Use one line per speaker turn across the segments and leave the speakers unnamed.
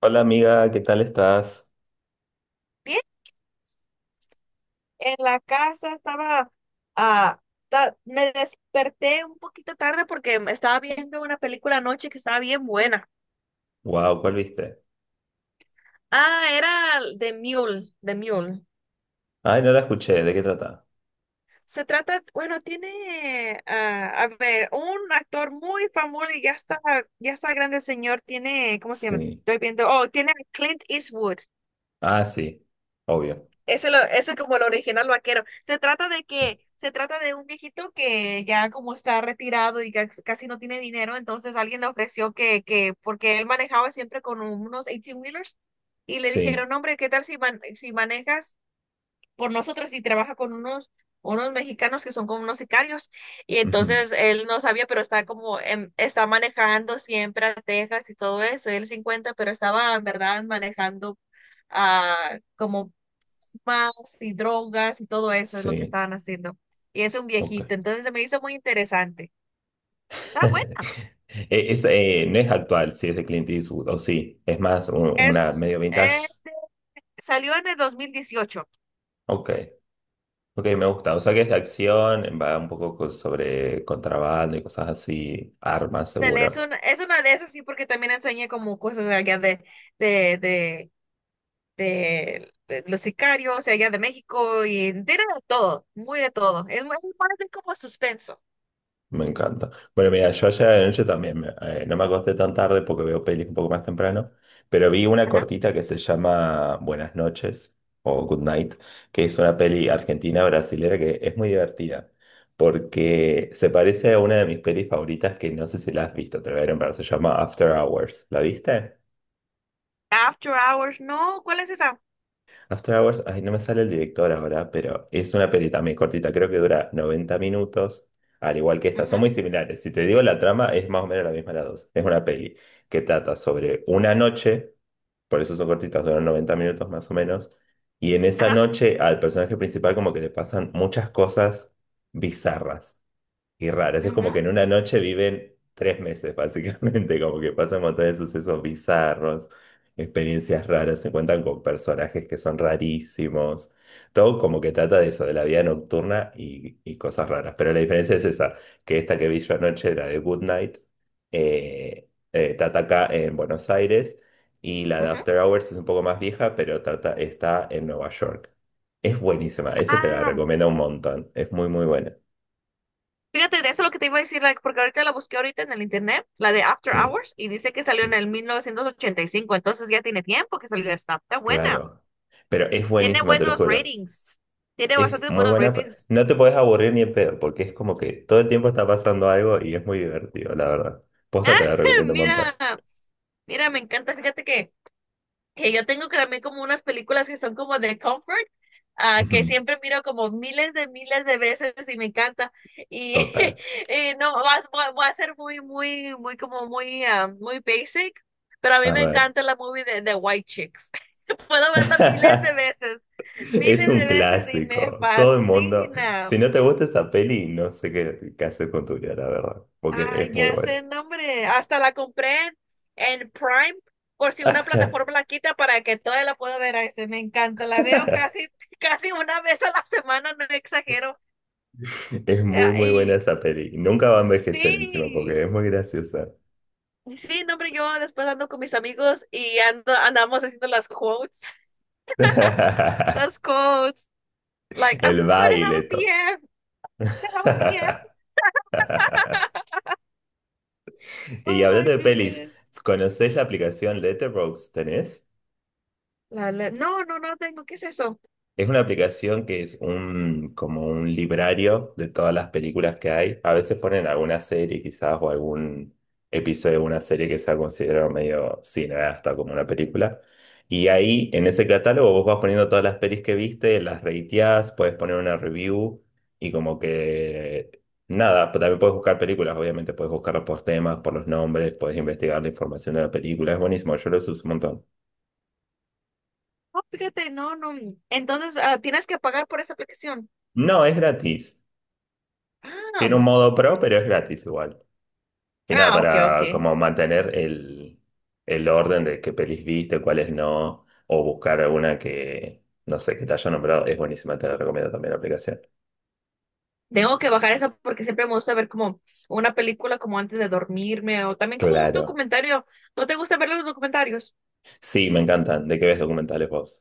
Hola amiga, ¿qué tal estás?
Bien, en la casa estaba. ah, Me desperté un poquito tarde porque me estaba viendo una película anoche que estaba bien buena.
Wow, ¿cuál viste?
Era The Mule, The Mule.
Ay, no la escuché, ¿de qué trata?
Se trata, bueno, tiene, a ver, un actor muy famoso y ya está grande el señor, tiene, ¿cómo se llama?
Sí.
Estoy viendo, oh, tiene a Clint Eastwood.
Ah, sí, obvio.
Ese, lo, ese es como el original vaquero. Se trata de un viejito que ya como está retirado y casi no tiene dinero, entonces alguien le ofreció porque él manejaba siempre con unos eighteen wheelers y le
Sí.
dijeron: "No, hombre, ¿qué tal si, si manejas por nosotros y trabaja con unos, unos mexicanos que son como unos sicarios?" Y
Ujú.
entonces él no sabía, pero está como, está manejando siempre a Texas y todo eso, y él se encuentra, pero estaba en verdad manejando a como más y drogas y todo eso es lo que
Sí,
estaban haciendo. Y es un viejito,
ok.
entonces se me hizo muy interesante. Está buena.
No es actual, sí, es de Clint Eastwood, o sí, es más una
Es,
medio vintage.
salió en el 2018.
Ok, ok, me gusta. O sea que es de acción, va un poco sobre contrabando y cosas así, armas,
Dale, es,
seguro.
es una de esas, sí, porque también enseñé como cosas de allá de, de, de, de los sicarios, y allá de México, y tiene de todo, muy de todo. Es, es más bien como suspenso.
Me encanta. Bueno, mira, yo ayer de noche también, no me acosté tan tarde porque veo pelis un poco más temprano, pero vi una
Ajá.
cortita que se llama Buenas noches o Good Night, que es una peli argentina brasilera que es muy divertida, porque se parece a una de mis pelis favoritas que no sé si la has visto, te la voy a nombrar, se llama After Hours. ¿La viste?
After Hours, no, ¿cuál es esa?
After Hours, ay, no me sale el director ahora, pero es una peli también cortita, creo que dura 90 minutos, al igual que esta,
Ujú.
son muy similares. Si te digo la trama, es más o menos la misma la dos. Es una peli que trata sobre una noche, por eso son cortitas, duran 90 minutos más o menos, y en esa
Ajá.
noche al personaje principal como que le pasan muchas cosas bizarras. Y raras, es como
Ujú,
que en una noche viven 3 meses, básicamente, como que pasan un montón de sucesos bizarros, experiencias raras, se encuentran con personajes que son rarísimos, todo como que trata de eso, de la vida nocturna y cosas raras. Pero la diferencia es esa, que esta que vi yo anoche, la de Good Night, trata acá en Buenos Aires y la de
ujú.
After Hours es un poco más vieja, pero trata, está en Nueva York. Es buenísima, esa te la
Ah,
recomiendo un montón, es muy, muy buena.
Fíjate, de eso lo que te iba a decir, like, porque ahorita la busqué ahorita en el internet, la de After
Sí.
Hours, y dice que salió en
Sí.
el 1985, entonces ya tiene tiempo que salió esta. Está buena.
Claro, pero es
Tiene
buenísima, te lo
buenos
juro.
ratings. Tiene
Es
bastantes
muy
buenos
buena.
ratings.
No te podés aburrir ni en pedo, porque es como que todo el tiempo está pasando algo y es muy divertido, la verdad.
Ah,
Posta te la recomiendo un montón.
mira, mira, me encanta. Fíjate que yo tengo que también como unas películas que son como de comfort, que
Ujú,
siempre miro como miles de veces y me encanta. Y
total.
y no, voy a ser muy, muy, muy como muy, muy basic, pero a mí
A
me
ver.
encanta la movie de White Chicks. Puedo verla
Es
miles de
un
veces y me
clásico. Todo el mundo.
fascina.
Si no te gusta esa peli, no sé qué, qué hacer con tu vida, la verdad. Porque
Ah,
es muy
ya
buena.
sé el nombre. Hasta la compré en Prime por si una plataforma la quita para que toda la pueda ver. Ay, se me encanta. La veo casi, casi una vez a la semana, no exagero.
Es muy,
Eh,
muy buena
Y
esa peli. Nunca va a envejecer encima porque
sí,
es muy graciosa.
sí, no, hombre, yo después ando con mis amigos y ando, andamos haciendo las quotes, las quotes. Like, I'm
El
gonna have a
baile.
PF, I'm gonna have a PF.
Y
Oh my
hablando de pelis,
goodness.
¿conocés la aplicación Letterboxd? ¿Tenés?
No, no, no tengo. ¿Qué es eso?
Es una aplicación que es como un librario de todas las películas que hay. A veces ponen alguna serie quizás o algún episodio de una serie que se ha considerado medio cineasta como una película. Y ahí en ese catálogo vos vas poniendo todas las pelis que viste, las rateás, puedes poner una review y como que nada, pero también puedes buscar películas, obviamente puedes buscarlas por temas, por los nombres, puedes investigar la información de la película. Es buenísimo, yo lo uso un montón.
No, fíjate, no, no. Entonces, tienes que pagar por esa aplicación.
No, es gratis.
Ah,
Tiene un modo pro, pero es gratis igual. Y nada,
ok, ok.
para como mantener el orden de qué pelis viste, cuáles no, o buscar alguna que, no sé, que te haya nombrado, es buenísima, te la recomiendo también la aplicación.
Tengo que bajar eso porque siempre me gusta ver como una película como antes de dormirme o también como un
Claro.
documentario. ¿No te gusta ver los documentarios?
Sí, me encantan. ¿De qué ves documentales vos?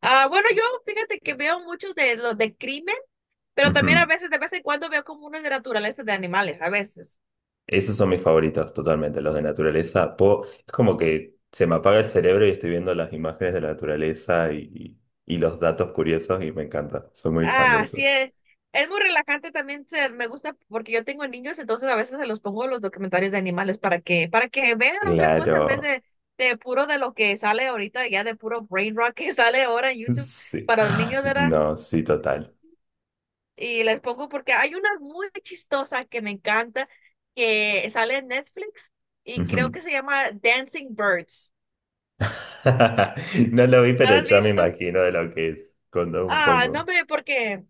Bueno, yo fíjate que veo muchos de los de crimen, pero también a
Ujú.
veces, de vez en cuando veo como unos de naturaleza de animales, a veces.
Esos son mis favoritos, totalmente, los de naturaleza. Es como que se me apaga el cerebro y estoy viendo las imágenes de la naturaleza y los datos curiosos y me encanta. Soy muy fan de
Ah, sí,
esos.
es muy relajante también, ser me gusta porque yo tengo niños, entonces a veces se los pongo los documentales de animales para que vean otra cosa en vez
Claro.
de puro de lo que sale ahorita, ya de puro brain rock que sale ahora en YouTube
Sí.
para los niños, ¿verdad?
No, sí, total.
Y les pongo porque hay una muy chistosa que me encanta, que sale en Netflix y creo
Ujú.
que se llama Dancing Birds.
No lo vi,
¿No
pero
la has
ya me
visto?
imagino de lo que es. Contó un
No,
poco.
hombre, porque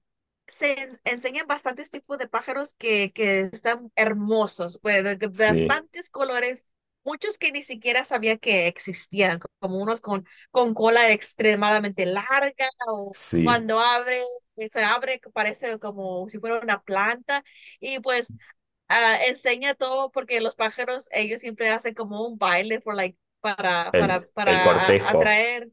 enseñan bastantes tipos de pájaros que están hermosos, pues, de
Sí,
bastantes colores, muchos que ni siquiera sabía que existían, como unos con cola extremadamente larga o
sí.
cuando abre, se abre, que parece como si fuera una planta y pues enseña todo porque los pájaros, ellos siempre hacen como un baile for, like,
El
para
cortejo.
atraer.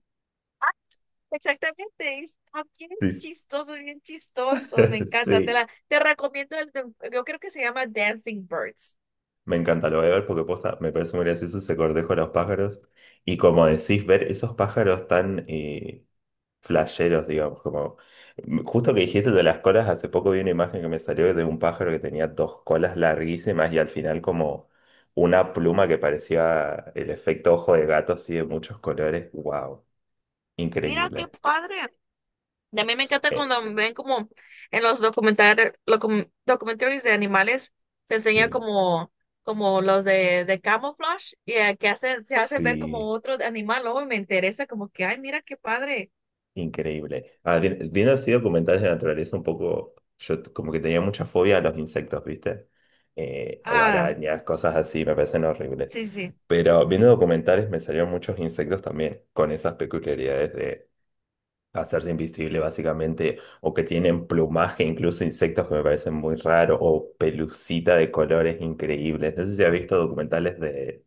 Exactamente, es
Sí, sí.
bien chistoso, me encanta, te
Sí.
la, te recomiendo el, yo creo que se llama Dancing Birds.
Me encanta, lo voy a ver porque posta, me parece muy gracioso ese cortejo de los pájaros. Y como decís, ver esos pájaros tan, flasheros, digamos, como justo que dijiste de las colas, hace poco vi una imagen que me salió de un pájaro que tenía dos colas larguísimas y al final como una pluma que parecía el efecto ojo de gato así de muchos colores. Wow,
Mira qué
increíble.
padre. Y a mí me encanta
Eh,
cuando me ven como en los documentales, documentarios de animales, se enseña
sí,
como, como los de camouflage, y que hacen, se hace ver como
sí.
otro animal, luego me interesa como que, ay, mira qué padre.
Increíble. Ah, viendo así documentales de naturaleza, un poco, como que tenía mucha fobia a los insectos, ¿viste? O
Ah,
arañas, cosas así, me parecen horribles.
sí, sí.
Pero viendo documentales me salieron muchos insectos también, con esas peculiaridades de hacerse invisible, básicamente, o que tienen plumaje, incluso insectos que me parecen muy raros, o pelucita de colores increíbles. No sé si has visto documentales de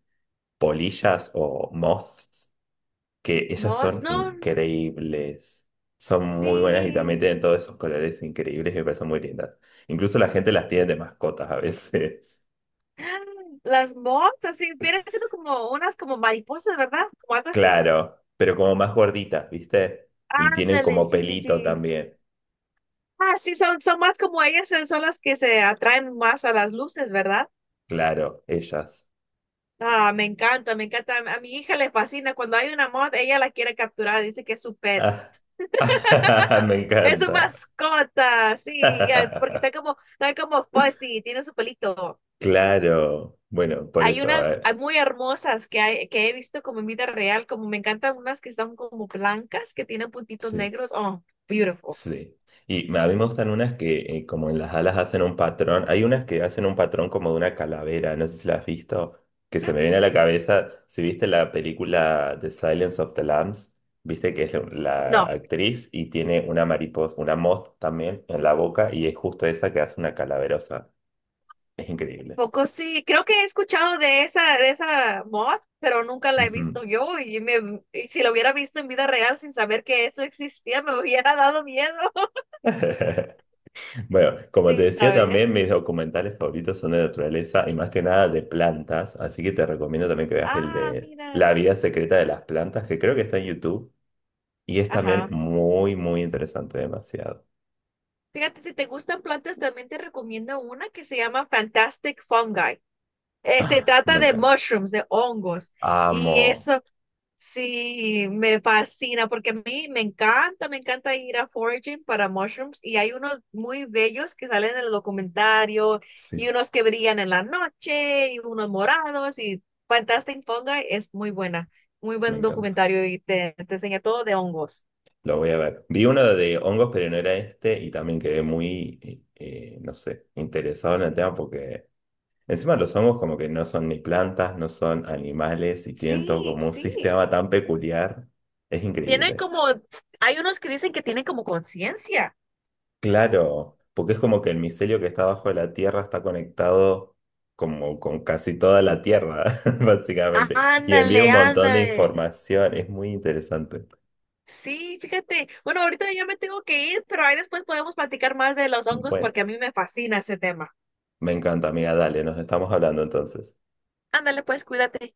polillas o moths que ellas
Mos,
son
no,
increíbles. Son muy buenas y también
sí.
tienen todos esos colores increíbles y me parecen muy lindas. Incluso la gente las tiene de mascotas a veces.
Las moths, así, vienen siendo como unas como mariposas, ¿verdad? Como algo así.
Claro, pero como más gorditas, ¿viste? Y tienen
Ándale,
como
sí, sí,
pelito
sí.
también.
Ah, sí, son, son más como ellas, son las que se atraen más a las luces, ¿verdad?
Claro, ellas.
Ah, me encanta, me encanta. A mi hija le fascina. Cuando hay una moth, ella la quiere capturar, dice que es su pet.
Ah. Me
Es su
encanta.
mascota, sí, ya, porque está como fuzzy, tiene su pelito.
Claro. Bueno, por
Hay
eso, a
unas
ver.
muy hermosas que, que he visto como en vida real, como me encantan unas que están como blancas, que tienen puntitos
Sí.
negros. Oh, beautiful.
Sí. Y a mí me gustan unas que como en las alas hacen un patrón. Hay unas que hacen un patrón como de una calavera, no sé si la has visto, que se me viene a la cabeza. Si viste la película The Silence of the Lambs, viste que es la
No,
actriz y tiene una mariposa, una moth también en la boca y es justo esa que hace una calaverosa. Es increíble.
poco sí. Creo que he escuchado de esa mod, pero nunca la he
Ujú.
visto yo. Y, me, y si la hubiera visto en vida real sin saber que eso existía, me hubiera dado miedo
Bueno, como te
sin
decía
saber.
también, mis documentales favoritos son de naturaleza y más que nada de plantas, así que te recomiendo también que veas el
Ah,
de
mira.
La vida secreta de las plantas, que creo que está en YouTube y es también
Ajá.
muy, muy interesante, demasiado.
Fíjate, si te gustan plantas, también te recomiendo una que se llama Fantastic Fungi. Se trata
Me
de
encanta.
mushrooms, de hongos. Y
Amo.
eso sí me fascina porque a mí me encanta ir a foraging para mushrooms. Y hay unos muy bellos que salen en el documentario y
Sí,
unos que brillan en la noche y unos morados y Fantastic Fungi es muy buena, muy
me
buen
encanta.
documentario y te enseña todo de hongos.
Lo voy a ver. Vi uno de hongos, pero no era este y también quedé muy, no sé, interesado en el tema porque... Encima los hongos como que no son ni plantas, no son animales y tienen todo
Sí,
como un
sí.
sistema tan peculiar. Es
Tienen
increíble.
como, hay unos que dicen que tienen como conciencia.
Claro, porque es como que el micelio que está bajo la tierra está conectado como con casi toda la tierra, básicamente. Y
Ándale,
envía un montón de
ándale.
información. Es muy interesante.
Sí, fíjate. Bueno, ahorita ya me tengo que ir, pero ahí después podemos platicar más de los hongos
Bueno,
porque a mí me fascina ese tema.
me encanta, amiga. Dale, nos estamos hablando entonces.
Ándale, pues, cuídate.